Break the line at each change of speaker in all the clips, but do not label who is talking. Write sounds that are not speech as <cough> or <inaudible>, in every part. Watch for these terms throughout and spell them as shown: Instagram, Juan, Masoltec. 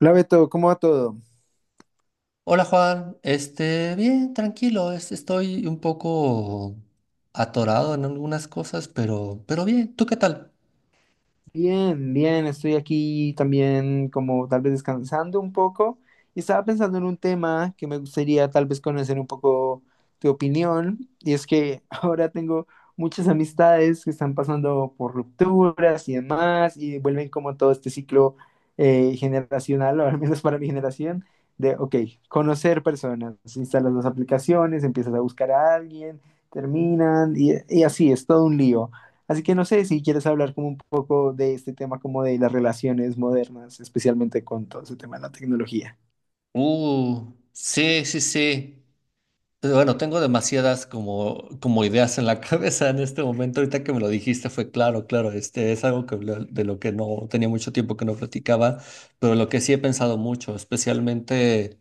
Hola Beto, ¿cómo va todo?
Hola Juan, bien, tranquilo, estoy un poco atorado en algunas cosas, pero bien, ¿tú qué tal?
Bien, bien, estoy aquí también como tal vez descansando un poco y estaba pensando en un tema que me gustaría tal vez conocer un poco tu opinión y es que <laughs> ahora tengo muchas amistades que están pasando por rupturas y demás y vuelven como todo este ciclo generacional, o al menos para mi generación, ok, conocer personas, instalas las aplicaciones, empiezas a buscar a alguien, terminan y así, es todo un lío. Así que no sé si quieres hablar como un poco de este tema, como de las relaciones modernas, especialmente con todo ese tema de la tecnología.
Sí, sí, sí. Pero bueno, tengo demasiadas como ideas en la <laughs> cabeza en este momento. Ahorita que me lo dijiste fue claro, este es algo que, de lo que no tenía mucho tiempo que no platicaba, pero lo que sí he pensado mucho, especialmente.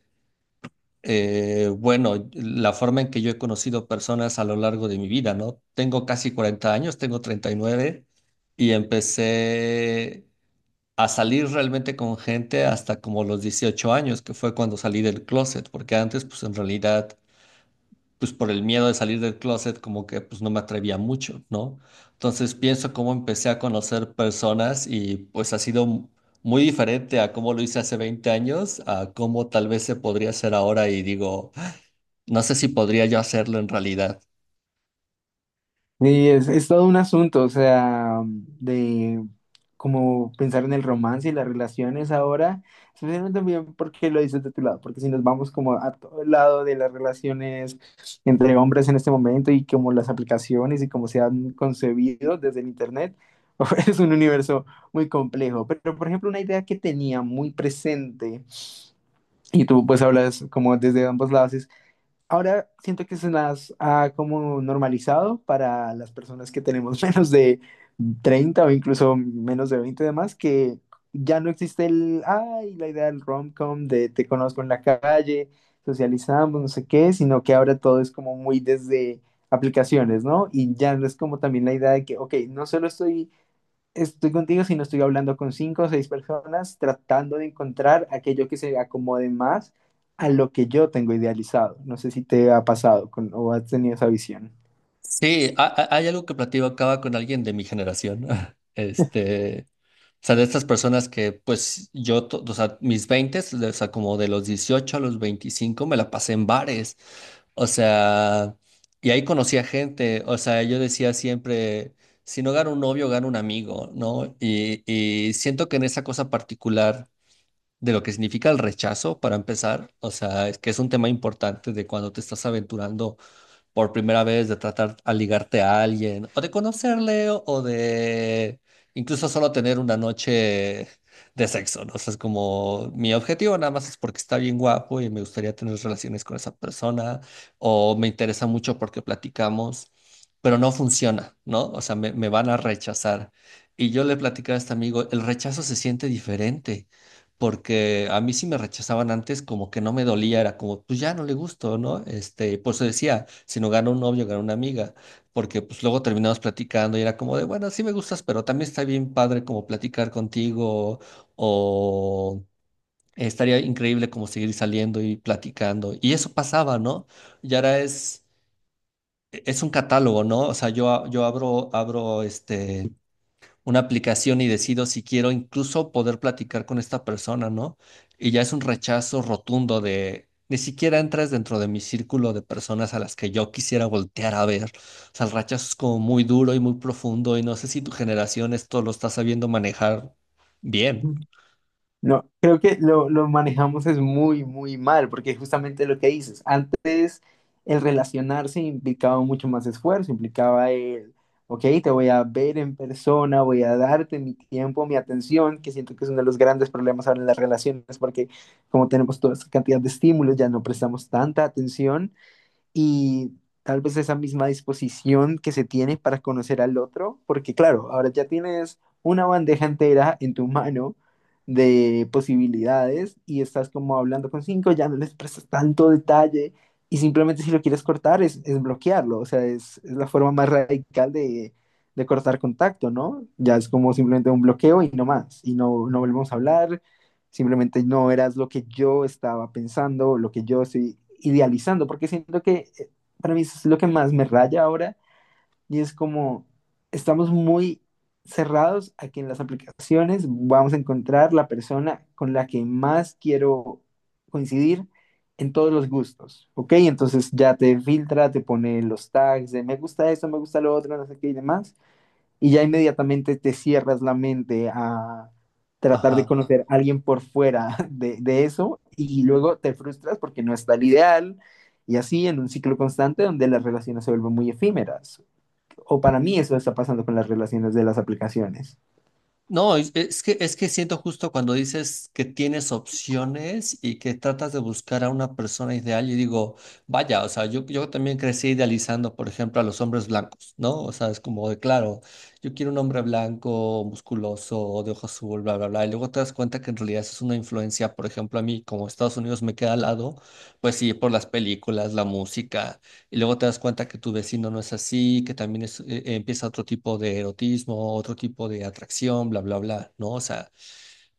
Bueno, la forma en que yo he conocido personas a lo largo de mi vida, ¿no? Tengo casi 40 años, tengo 39 y empecé a salir realmente con gente hasta como los 18 años, que fue cuando salí del closet, porque antes pues en realidad pues por el miedo de salir del closet como que pues no me atrevía mucho, ¿no? Entonces pienso cómo empecé a conocer personas y pues ha sido muy diferente a cómo lo hice hace 20 años, a cómo tal vez se podría hacer ahora y digo... No sé si podría yo hacerlo en realidad.
Y es todo un asunto, o sea, de como pensar en el romance y las relaciones ahora, especialmente también porque lo dices de tu lado, porque si nos vamos como a todo el lado de las relaciones entre hombres en este momento y como las aplicaciones y cómo se han concebido desde el internet, <laughs> es un universo muy complejo. Pero, por ejemplo, una idea que tenía muy presente. Y tú pues hablas como desde ambos lados. Ahora siento que se las ha como normalizado para las personas que tenemos <laughs> menos de 30 o incluso menos de 20 y demás, que ya no existe el, ay, la idea del rom-com de te conozco en la calle, socializamos, no sé qué, sino que ahora todo es como muy desde aplicaciones, ¿no? Y ya no es como también la idea de que, ok, no solo estoy contigo, si no estoy hablando con cinco o seis personas tratando de encontrar aquello que se acomode más a lo que yo tengo idealizado. No sé si te ha pasado o has tenido esa visión.
Sí, hay algo que platicaba con alguien de mi generación. <laughs> Este, o sea, de estas personas que, pues, yo, o sea, mis 20, o sea, como de los 18 a los 25 me la pasé en bares. O sea, y ahí conocí a gente. O sea, yo decía siempre, si no gano un novio, gano un amigo, ¿no? Y siento que en esa cosa particular de lo que significa el rechazo, para empezar, o sea, es que es un tema importante de cuando te estás aventurando por primera vez, de tratar a ligarte a alguien, o de conocerle, o de incluso solo tener una noche de sexo, ¿no? O sea, es como mi objetivo nada más es porque está bien guapo y me gustaría tener relaciones con esa persona, o me interesa mucho porque platicamos, pero no funciona, ¿no? O sea, me van a rechazar. Y yo le platicaba a este amigo, el rechazo se siente diferente porque a mí sí me rechazaban antes, como que no me dolía, era como, pues ya no le gusto, ¿no? Por eso decía, si no gana un novio, gana una amiga, porque pues luego terminamos platicando y era como de, bueno, sí me gustas, pero también está bien padre como platicar contigo o estaría increíble como seguir saliendo y platicando. Y eso pasaba, ¿no? Y ahora es... Es un catálogo, ¿no? O sea, yo, yo abro, abro una aplicación y decido si quiero incluso poder platicar con esta persona, ¿no? Y ya es un rechazo rotundo de, ni siquiera entras dentro de mi círculo de personas a las que yo quisiera voltear a ver. O sea, el rechazo es como muy duro y muy profundo y no sé si tu generación esto lo está sabiendo manejar bien.
No, creo que lo manejamos es muy, muy mal, porque justamente lo que dices, antes el relacionarse implicaba mucho más esfuerzo, implicaba el, ok, te voy a ver en persona, voy a darte mi tiempo, mi atención, que siento que es uno de los grandes problemas ahora en las relaciones, porque como tenemos toda esta cantidad de estímulos, ya no prestamos tanta atención y tal vez esa misma disposición que se tiene para conocer al otro, porque claro, ahora ya tienes una bandeja entera en tu mano de posibilidades y estás como hablando con cinco, ya no les prestas tanto detalle y simplemente si lo quieres cortar es bloquearlo, o sea, es la forma más radical de cortar contacto, ¿no? Ya es como simplemente un bloqueo y no más, y no, no volvemos a hablar, simplemente no eras lo que yo estaba pensando, lo que yo estoy idealizando, porque siento que para mí eso es lo que más me raya ahora y es como estamos muy cerrados a que en las aplicaciones vamos a encontrar la persona con la que más quiero coincidir en todos los gustos, ¿ok? Entonces ya te filtra, te pone los tags de me gusta esto, me gusta lo otro, no sé qué y demás y ya inmediatamente te cierras la mente a tratar de
Ajá.
conocer a alguien por fuera <laughs> de eso y luego te frustras porque no está el ideal y así en un ciclo constante donde las relaciones se vuelven muy efímeras. O para mí eso está pasando con las relaciones de las aplicaciones.
No, es que siento justo cuando dices que tienes opciones y que tratas de buscar a una persona ideal, y digo, vaya, o sea, yo también crecí idealizando, por ejemplo, a los hombres blancos, ¿no? O sea, es como de, claro, yo quiero un hombre blanco, musculoso, de ojo azul, bla, bla, bla, y luego te das cuenta que en realidad eso es una influencia, por ejemplo, a mí, como Estados Unidos me queda al lado, pues sí, por las películas, la música y luego te das cuenta que tu vecino no es así, que también es, empieza otro tipo de erotismo, otro tipo de atracción, bla, bla, bla, ¿no? O sea,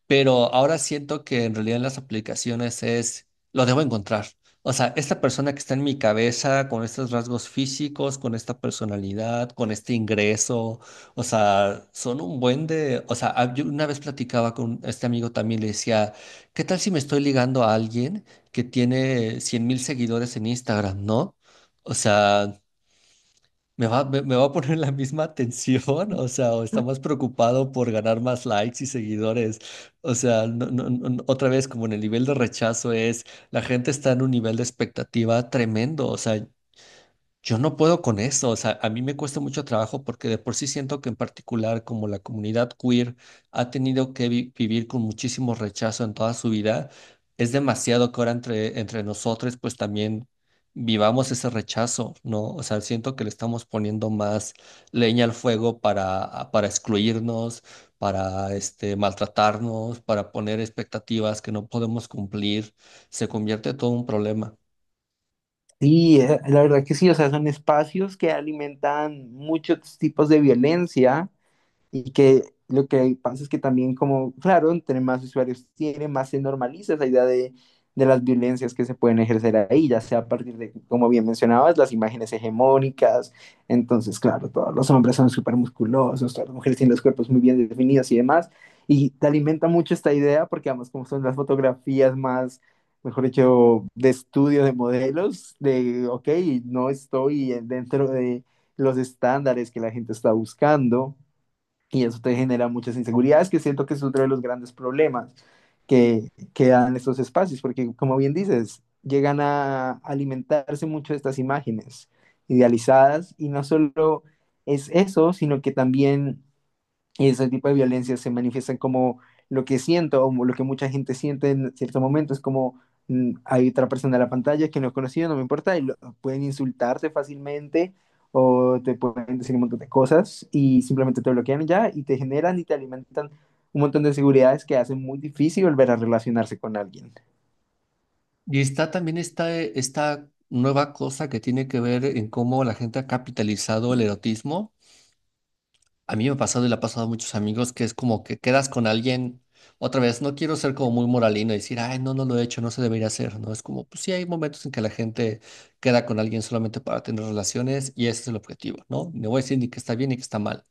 pero ahora siento que en realidad en las aplicaciones es, lo debo encontrar. O sea, esta persona que está en mi cabeza, con estos rasgos físicos, con esta personalidad, con este ingreso, o sea, son un buen de... O sea, ah, yo una vez platicaba con este amigo también, le decía, ¿qué tal si me estoy ligando a alguien que tiene 100 mil seguidores en Instagram, ¿no? O sea, ¿me va, me va a poner la misma atención? O sea, o está más preocupado por ganar más likes y seguidores. O sea, otra vez, como en el nivel de rechazo es, la gente está en un nivel de expectativa tremendo. O sea, yo no puedo con eso, o sea, a mí me cuesta mucho trabajo porque de por sí siento que en particular como la comunidad queer ha tenido que vivir con muchísimo rechazo en toda su vida, es demasiado que ahora entre nosotros pues también vivamos ese rechazo, ¿no? O sea, siento que le estamos poniendo más leña al fuego para, para excluirnos, para maltratarnos, para poner expectativas que no podemos cumplir, se convierte todo un problema.
Sí, la verdad que sí, o sea, son espacios que alimentan muchos tipos de violencia. Y que lo que pasa es que también como, claro, entre más usuarios tiene, más se normaliza esa idea de las violencias que se pueden ejercer ahí, ya sea a partir de, como bien mencionabas, las imágenes hegemónicas. Entonces, claro, todos los hombres son súper musculosos, todas las mujeres tienen los cuerpos muy bien definidos y demás. Y te alimenta mucho esta idea porque además como son las fotografías más, mejor dicho, de estudio de modelos, ok, no estoy dentro de los estándares que la gente está buscando y eso te genera muchas inseguridades, que siento que es otro de los grandes problemas que dan estos espacios, porque como bien dices, llegan a alimentarse mucho de estas imágenes idealizadas y no solo es eso, sino que también y ese tipo de violencia se manifiestan como lo que siento o lo que mucha gente siente en ciertos momentos, como hay otra persona en la pantalla que no es conocido, no me importa, y pueden insultarte fácilmente o te pueden decir un montón de cosas y simplemente te bloquean y ya y te generan y te alimentan un montón de inseguridades que hacen muy difícil volver a relacionarse con alguien.
Y está también esta nueva cosa que tiene que ver en cómo la gente ha capitalizado el erotismo. A mí me ha pasado y le ha pasado a muchos amigos que es como que quedas con alguien, otra vez, no quiero ser como muy moralino y decir, ay, no, no lo he hecho, no se debería hacer, ¿no? Es como, pues sí, hay momentos en que la gente queda con alguien solamente para tener relaciones y ese es el objetivo, ¿no? No voy a decir ni que está bien ni que está mal.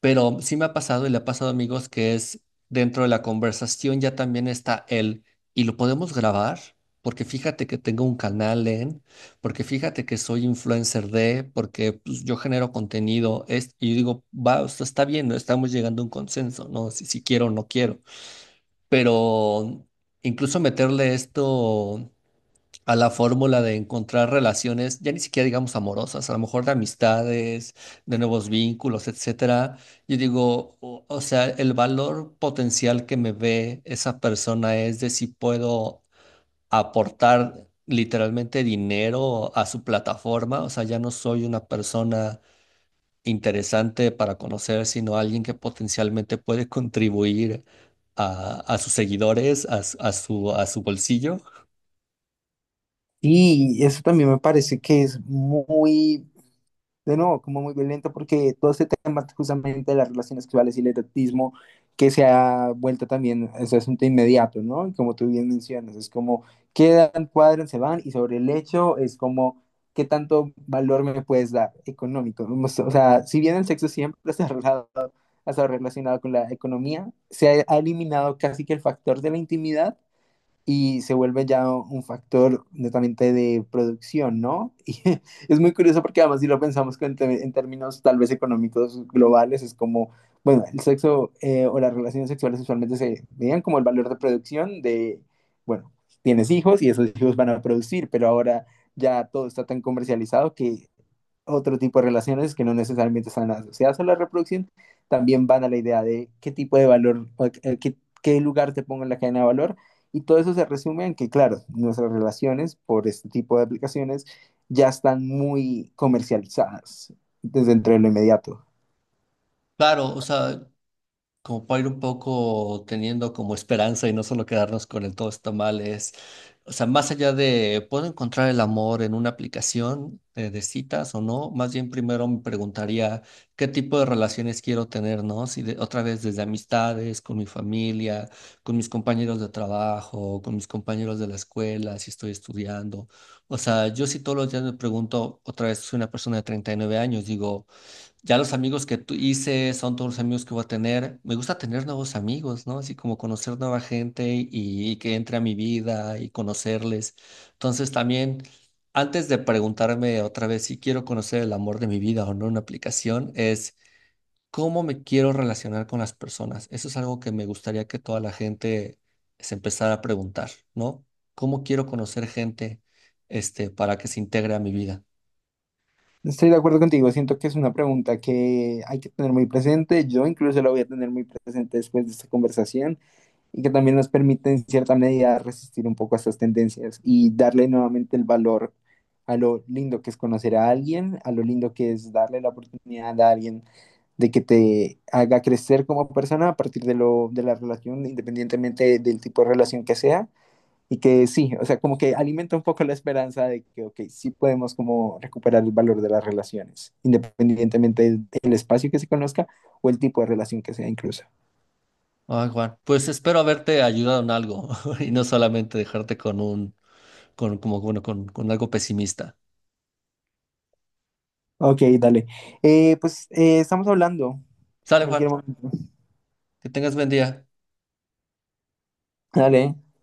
Pero sí me ha pasado y le ha pasado a amigos que es dentro de la conversación ya también está él y lo podemos grabar porque fíjate que tengo un canal en, porque fíjate que soy influencer de, porque pues, yo genero contenido es, y digo, va, o sea, está bien, ¿no? Estamos llegando a un consenso, ¿no? Si quiero o no quiero, pero incluso meterle esto a la fórmula de encontrar relaciones, ya ni siquiera digamos amorosas, a lo mejor de amistades, de nuevos vínculos, etcétera. Yo digo, o sea, el valor potencial que me ve esa persona es de si puedo aportar literalmente dinero a su plataforma, o sea, ya no soy una persona interesante para conocer, sino alguien que potencialmente puede contribuir a sus seguidores, a, a a su bolsillo.
Y eso también me parece que es muy de nuevo, como muy violento, porque todo este tema justamente de las relaciones sexuales y el erotismo que se ha vuelto también ese asunto inmediato, ¿no? Y como tú bien mencionas, es como quedan, cuadran, se van, y sobre el hecho es como qué tanto valor me puedes dar económico. O sea, si bien el sexo siempre se ha relacionado, ha estado relacionado con la economía, se ha eliminado casi que el factor de la intimidad y se vuelve ya un factor netamente de producción, ¿no? Y <laughs> es muy curioso porque además si lo pensamos en términos tal vez económicos globales, es como, bueno, el sexo o las relaciones sexuales usualmente se veían como el valor de producción de, bueno, tienes hijos y esos hijos van a producir, pero ahora ya todo está tan comercializado que otro tipo de relaciones que no necesariamente están asociadas a la reproducción, también van a la idea de qué tipo de valor, o, qué, lugar te pongo en la cadena de valor. Y todo eso se resume en que, claro, nuestras relaciones por este tipo de aplicaciones ya están muy comercializadas desde entre lo inmediato.
Claro, o sea, como para ir un poco teniendo como esperanza y no solo quedarnos con el todo está mal, es, o sea, más allá de, ¿puedo encontrar el amor en una aplicación de, citas o no? Más bien primero me preguntaría qué tipo de relaciones quiero tener, ¿no? Si otra vez desde amistades, con mi familia, con mis compañeros de trabajo, con mis compañeros de la escuela, si estoy estudiando. O sea, yo sí todos los días me pregunto, otra vez soy una persona de 39 años, digo... Ya los amigos que tú hice son todos los amigos que voy a tener. Me gusta tener nuevos amigos, ¿no? Así como conocer nueva gente y que entre a mi vida y conocerles. Entonces también, antes de preguntarme otra vez si quiero conocer el amor de mi vida o no en una aplicación, es cómo me quiero relacionar con las personas. Eso es algo que me gustaría que toda la gente se empezara a preguntar, ¿no? ¿Cómo quiero conocer gente, para que se integre a mi vida?
Estoy de acuerdo contigo, siento que es una pregunta que hay que tener muy presente. Yo incluso la voy a tener muy presente después de esta conversación y que también nos permite en cierta medida resistir un poco a estas tendencias y darle nuevamente el valor a lo lindo que es conocer a alguien, a lo lindo que es darle la oportunidad a alguien de que te haga crecer como persona a partir de, de la relación, independientemente del tipo de relación que sea. Y que sí, o sea, como que alimenta un poco la esperanza de que, ok, sí podemos como recuperar el valor de las relaciones, independientemente del espacio que se conozca o el tipo de relación que sea incluso.
Ay, Juan, pues espero haberte ayudado en algo <laughs> y no solamente dejarte con un, con, como, bueno, con algo pesimista.
Ok, dale. Pues estamos hablando en
Sale,
cualquier
Juan,
momento.
que tengas buen día.
Dale.